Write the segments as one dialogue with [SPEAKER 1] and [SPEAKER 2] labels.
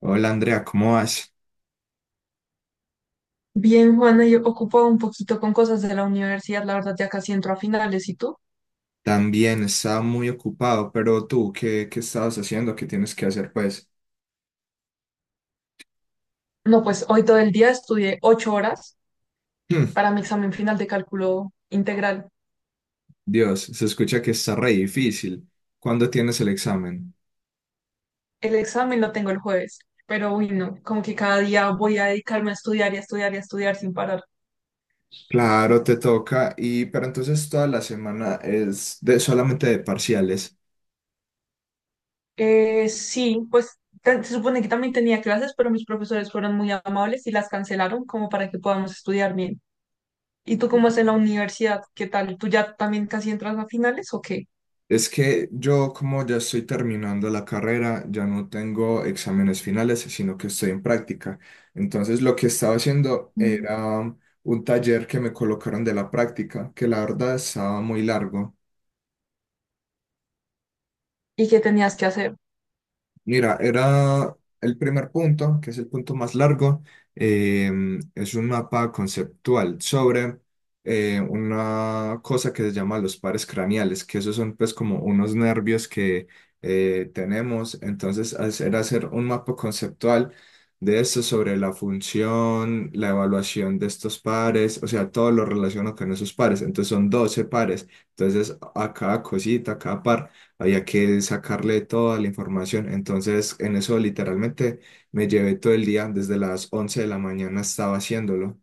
[SPEAKER 1] Hola Andrea, ¿cómo vas?
[SPEAKER 2] Bien, Juana, yo ocupado un poquito con cosas de la universidad, la verdad ya casi entro a finales, ¿y tú?
[SPEAKER 1] También estaba muy ocupado, pero tú, ¿qué estabas haciendo? ¿Qué tienes que hacer, pues?
[SPEAKER 2] No, pues hoy todo el día estudié 8 horas
[SPEAKER 1] Hmm.
[SPEAKER 2] para mi examen final de cálculo integral.
[SPEAKER 1] Dios, se escucha que está re difícil. ¿Cuándo tienes el examen?
[SPEAKER 2] El examen lo tengo el jueves, pero uy, no, como que cada día voy a dedicarme a estudiar y a estudiar y a estudiar sin parar.
[SPEAKER 1] Claro, te toca, y pero entonces toda la semana es de solamente de parciales.
[SPEAKER 2] Sí, pues se supone que también tenía clases, pero mis profesores fueron muy amables y las cancelaron como para que podamos estudiar bien. ¿Y tú cómo es en la universidad? ¿Qué tal? ¿Tú ya también casi entras a finales o qué?
[SPEAKER 1] Es que yo, como ya estoy terminando la carrera, ya no tengo exámenes finales, sino que estoy en práctica. Entonces, lo que estaba haciendo
[SPEAKER 2] Mm.
[SPEAKER 1] era un taller que me colocaron de la práctica, que la verdad estaba muy largo.
[SPEAKER 2] ¿Y qué tenías que hacer?
[SPEAKER 1] Mira, era el primer punto, que es el punto más largo. eh, es un mapa conceptual sobre una cosa que se llama los pares craneales, que esos son pues como unos nervios que tenemos. Entonces, era hacer un mapa conceptual de esto sobre la función, la evaluación de estos pares, o sea, todo lo relacionado con esos pares. Entonces, son 12 pares. Entonces, a cada cosita, a cada par había que sacarle toda la información. Entonces, en eso literalmente me llevé todo el día, desde las 11 de la mañana estaba haciéndolo.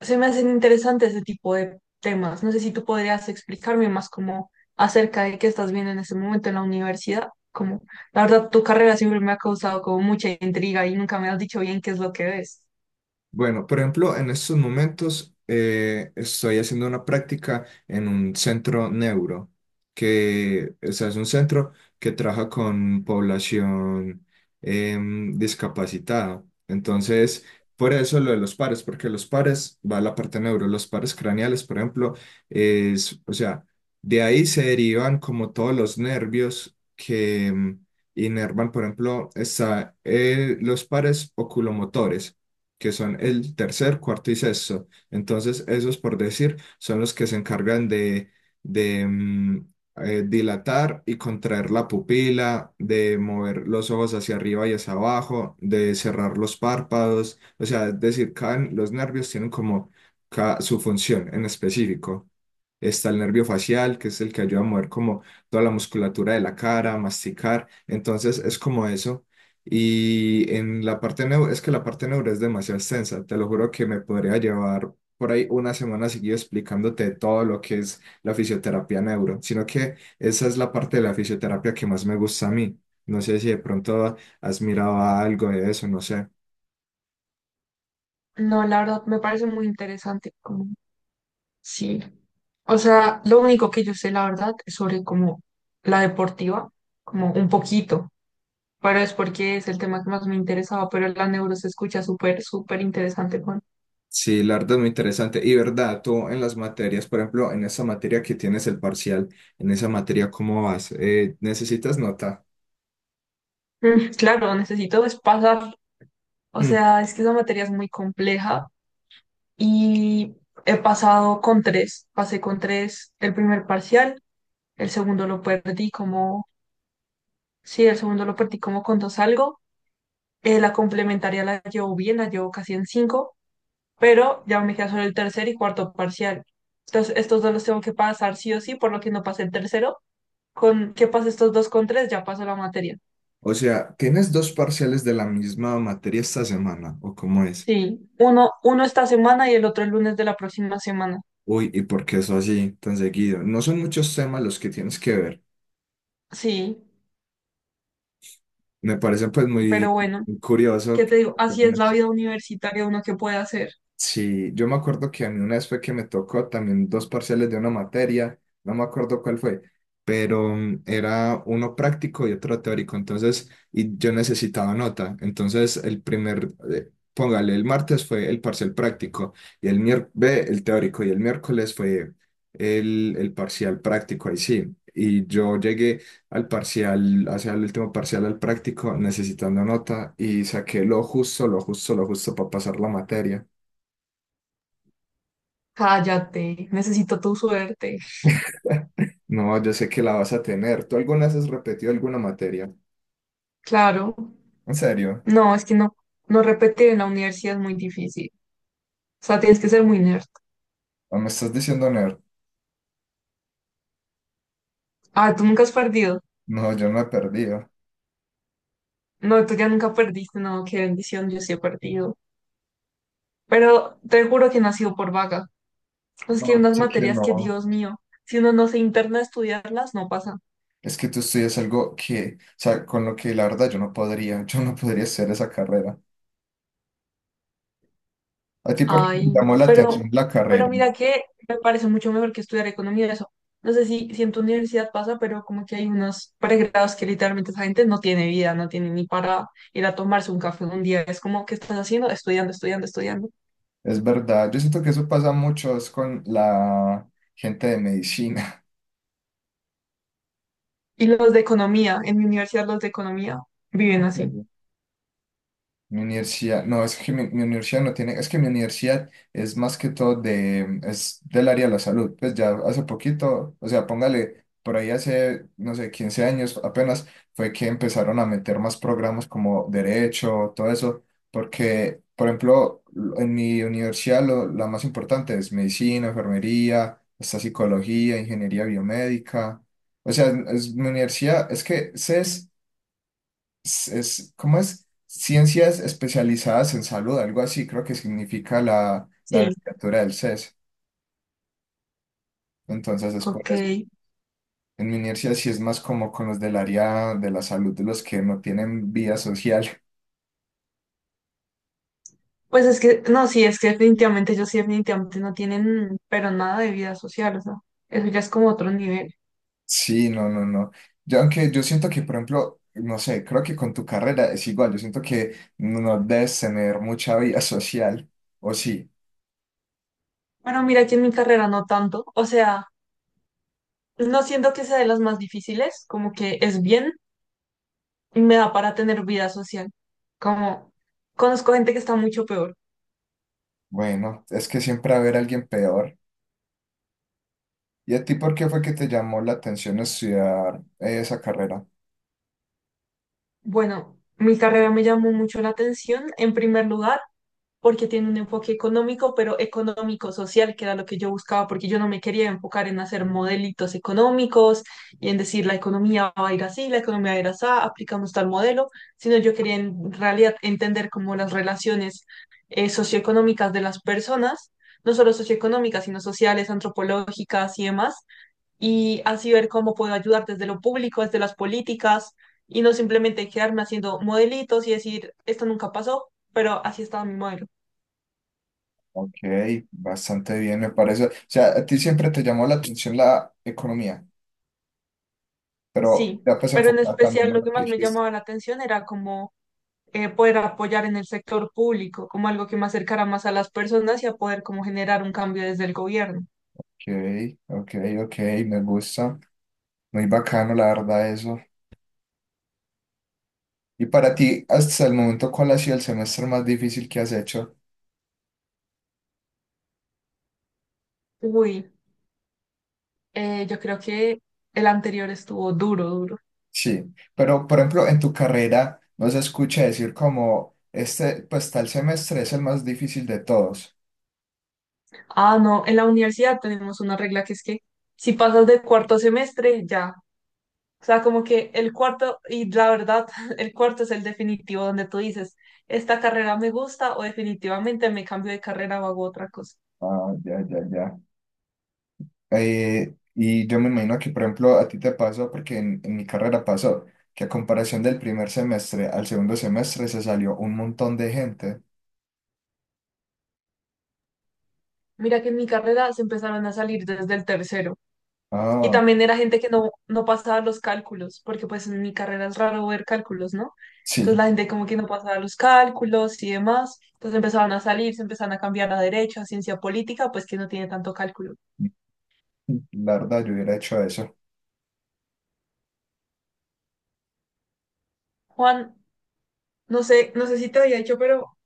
[SPEAKER 2] Se me hacen interesantes ese tipo de temas. No sé si tú podrías explicarme más como acerca de qué estás viendo en ese momento en la universidad. Como, la verdad, tu carrera siempre me ha causado como mucha intriga y nunca me has dicho bien qué es lo que ves.
[SPEAKER 1] Bueno, por ejemplo, en estos momentos estoy haciendo una práctica en un centro neuro, que o sea, es un centro que trabaja con población discapacitada. Entonces, por eso lo de los pares, porque los pares va a la parte neuro, los pares craneales, por ejemplo, es, o sea, de ahí se derivan como todos los nervios que inervan, por ejemplo, está, los pares oculomotores que son el tercer, cuarto y sexto. Entonces, esos, por decir, son los que se encargan de, dilatar y contraer la pupila, de mover los ojos hacia arriba y hacia abajo, de cerrar los párpados. O sea, es decir, los nervios tienen como su función en específico. Está el nervio facial, que es el que ayuda a mover como toda la musculatura de la cara, masticar. Entonces es como eso. Y en la parte neuro, es que la parte neuro es demasiado extensa. Te lo juro que me podría llevar por ahí una semana seguida explicándote todo lo que es la fisioterapia neuro. Sino que esa es la parte de la fisioterapia que más me gusta a mí. No sé si de pronto has mirado algo de eso, no sé.
[SPEAKER 2] No, la verdad, me parece muy interesante, como, sí. O sea, lo único que yo sé, la verdad, es sobre como la deportiva, como un poquito, pero es porque es el tema que más me interesaba, pero la neuro se escucha súper, súper interesante, Juan.
[SPEAKER 1] Sí, la verdad es muy interesante. Y verdad, tú en las materias, por ejemplo, en esa materia que tienes el parcial, en esa materia, ¿cómo vas? ¿Eh, necesitas nota?
[SPEAKER 2] Mm, claro, necesito es pasar. O
[SPEAKER 1] Mm.
[SPEAKER 2] sea, es que esa materia es muy compleja y he pasado con tres. Pasé con tres el primer parcial, el segundo lo perdí como, sí, el segundo lo perdí como con dos algo. La complementaria la llevo bien, la llevo casi en cinco, pero ya me queda solo el tercer y cuarto parcial. Entonces, estos dos los tengo que pasar sí o sí, por lo que no pasé el tercero. Con que pase estos dos con tres, ya paso la materia.
[SPEAKER 1] O sea, ¿tienes dos parciales de la misma materia esta semana? ¿O cómo es?
[SPEAKER 2] Sí, uno esta semana y el otro el lunes de la próxima semana.
[SPEAKER 1] Uy, ¿y por qué eso así tan seguido? No son muchos temas los que tienes que ver.
[SPEAKER 2] Sí,
[SPEAKER 1] Me parece pues muy
[SPEAKER 2] pero bueno.
[SPEAKER 1] curioso.
[SPEAKER 2] ¿Qué te digo? Así es la vida universitaria, uno que puede hacer.
[SPEAKER 1] Sí, yo me acuerdo que a mí una vez fue que me tocó también dos parciales de una materia, no me acuerdo cuál fue, pero era uno práctico y otro teórico, entonces, y yo necesitaba nota, entonces el primer, póngale, el martes fue el parcial práctico y el miércoles, el teórico y el miércoles fue el parcial práctico, ahí sí, y yo llegué al parcial, hacia el último parcial al práctico necesitando nota y saqué lo justo, lo justo, lo justo para pasar la materia.
[SPEAKER 2] Cállate, necesito tu suerte.
[SPEAKER 1] No, yo sé que la vas a tener. ¿Tú alguna vez has repetido alguna materia?
[SPEAKER 2] Claro.
[SPEAKER 1] ¿En serio?
[SPEAKER 2] No, es que no, no repetir en la universidad es muy difícil. O sea, tienes que ser muy nerd.
[SPEAKER 1] ¿O me estás diciendo nerd?
[SPEAKER 2] Ah, tú nunca has perdido.
[SPEAKER 1] No, yo no he perdido.
[SPEAKER 2] No, tú ya nunca perdiste, no, qué bendición, yo sí he perdido. Pero te juro que no ha sido por vaga. Es
[SPEAKER 1] No,
[SPEAKER 2] que hay unas
[SPEAKER 1] sé que
[SPEAKER 2] materias
[SPEAKER 1] no.
[SPEAKER 2] que, Dios mío, si uno no se interna a estudiarlas, no pasa.
[SPEAKER 1] Es que tú estudias algo que, o sea, con lo que la verdad yo no podría hacer esa carrera. ¿A ti por qué te
[SPEAKER 2] Ay,
[SPEAKER 1] llamó la
[SPEAKER 2] pero,
[SPEAKER 1] atención la
[SPEAKER 2] pero
[SPEAKER 1] carrera?
[SPEAKER 2] mira que me parece mucho mejor que estudiar economía eso. No sé si en tu universidad pasa, pero como que hay unos pregrados que literalmente esa gente no tiene vida, no tiene ni para ir a tomarse un café un día. Es como, ¿qué estás haciendo? Estudiando, estudiando, estudiando.
[SPEAKER 1] Es verdad, yo siento que eso pasa mucho es con la gente de medicina.
[SPEAKER 2] Y los de economía, en mi universidad los de economía viven así.
[SPEAKER 1] Mi universidad, no, es que mi universidad no tiene, es que mi universidad es más que todo de, es del área de la salud, pues ya hace poquito, o sea, póngale, por ahí hace, no sé, 15 años apenas fue que empezaron a meter más programas como derecho, todo eso, porque, por ejemplo, en mi universidad lo, la más importante es medicina, enfermería, hasta psicología, ingeniería biomédica, o sea, es, mi universidad, es que CES es, ¿cómo es? Ciencias especializadas en salud, algo así creo que significa la, la
[SPEAKER 2] Sí,
[SPEAKER 1] abreviatura del CES. Entonces es por
[SPEAKER 2] ok.
[SPEAKER 1] eso. En mi universidad sí es más como con los del área de la salud, de los que no tienen vida social.
[SPEAKER 2] Pues es que, no, sí, es que definitivamente ellos sí definitivamente no tienen, pero nada de vida social, o sea, eso ya es como otro nivel.
[SPEAKER 1] Sí, no, no, no. Yo, aunque yo siento que, por ejemplo, no sé, creo que con tu carrera es igual. Yo siento que no debes tener mucha vida social. O sí,
[SPEAKER 2] Bueno, mira que en mi carrera no tanto, o sea... No siento que sea de las más difíciles, como que es bien y me da para tener vida social. Como conozco gente que está mucho peor.
[SPEAKER 1] bueno, es que siempre va a haber alguien peor. ¿Y a ti por qué fue que te llamó la atención estudiar esa carrera?
[SPEAKER 2] Bueno, mi carrera me llamó mucho la atención, en primer lugar, porque tiene un enfoque económico, pero económico-social, que era lo que yo buscaba, porque yo no me quería enfocar en hacer modelitos económicos y en decir la economía va a ir así, la economía va a ir así, aplicamos tal modelo, sino yo quería en realidad entender cómo las relaciones socioeconómicas de las personas, no solo socioeconómicas, sino sociales, antropológicas y demás, y así ver cómo puedo ayudar desde lo público, desde las políticas. Y no simplemente quedarme haciendo modelitos y decir, esto nunca pasó, pero así estaba mi modelo.
[SPEAKER 1] Ok, bastante bien, me parece. O sea, a ti siempre te llamó la atención la economía, pero
[SPEAKER 2] Sí,
[SPEAKER 1] ya pues
[SPEAKER 2] pero en
[SPEAKER 1] enfocada también
[SPEAKER 2] especial
[SPEAKER 1] en
[SPEAKER 2] lo
[SPEAKER 1] lo
[SPEAKER 2] que
[SPEAKER 1] que
[SPEAKER 2] más me
[SPEAKER 1] dijiste.
[SPEAKER 2] llamaba la atención era como poder apoyar en el sector público, como algo que me acercara más a las personas y a poder como generar un cambio desde el gobierno.
[SPEAKER 1] Ok, ok, ok, me gusta. Muy bacano, la verdad, eso. Y para ti, hasta el momento, ¿cuál ha sido el semestre más difícil que has hecho?
[SPEAKER 2] Uy, yo creo que el anterior estuvo duro, duro.
[SPEAKER 1] Sí, pero por ejemplo, en tu carrera no se escucha decir como, este, pues tal semestre es el más difícil de todos.
[SPEAKER 2] Ah, no, en la universidad tenemos una regla que es que si pasas de cuarto semestre, ya. O sea, como que el cuarto, y la verdad, el cuarto es el definitivo donde tú dices, esta carrera me gusta o definitivamente me cambio de carrera o hago otra cosa.
[SPEAKER 1] Ah, ya, ya, ya. Y yo me imagino que, por ejemplo, a ti te pasó, porque en mi carrera pasó, que a comparación del primer semestre al segundo semestre se salió un montón de gente.
[SPEAKER 2] Mira que en mi carrera se empezaron a salir desde el tercero. Y
[SPEAKER 1] Ah,
[SPEAKER 2] también era gente que no pasaba los cálculos, porque pues en mi carrera es raro ver cálculos, ¿no? Entonces
[SPEAKER 1] sí,
[SPEAKER 2] la gente como que no pasaba los cálculos y demás. Entonces empezaban a salir, se empezaban a cambiar a derecho, a ciencia política, pues que no tiene tanto cálculo.
[SPEAKER 1] la verdad, yo hubiera hecho eso.
[SPEAKER 2] Juan, no sé si te había dicho, pero,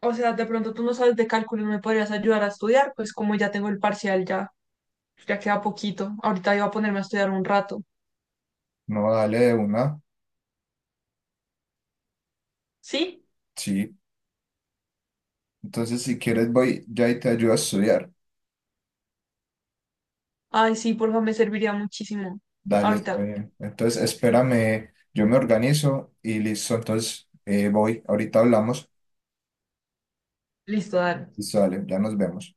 [SPEAKER 2] o sea, de pronto tú no sabes de cálculo y me podrías ayudar a estudiar, pues como ya tengo el parcial, ya, ya queda poquito. Ahorita iba a ponerme a estudiar un rato.
[SPEAKER 1] No, dale de una,
[SPEAKER 2] ¿Sí?
[SPEAKER 1] sí. Entonces, si quieres, voy ya y te ayudo a estudiar.
[SPEAKER 2] Ay, sí, porfa, me serviría muchísimo.
[SPEAKER 1] Dale, está
[SPEAKER 2] Ahorita.
[SPEAKER 1] bien. Entonces, espérame, yo me organizo y listo. Entonces, voy, ahorita hablamos.
[SPEAKER 2] Listo, dale.
[SPEAKER 1] Listo, dale, ya nos vemos.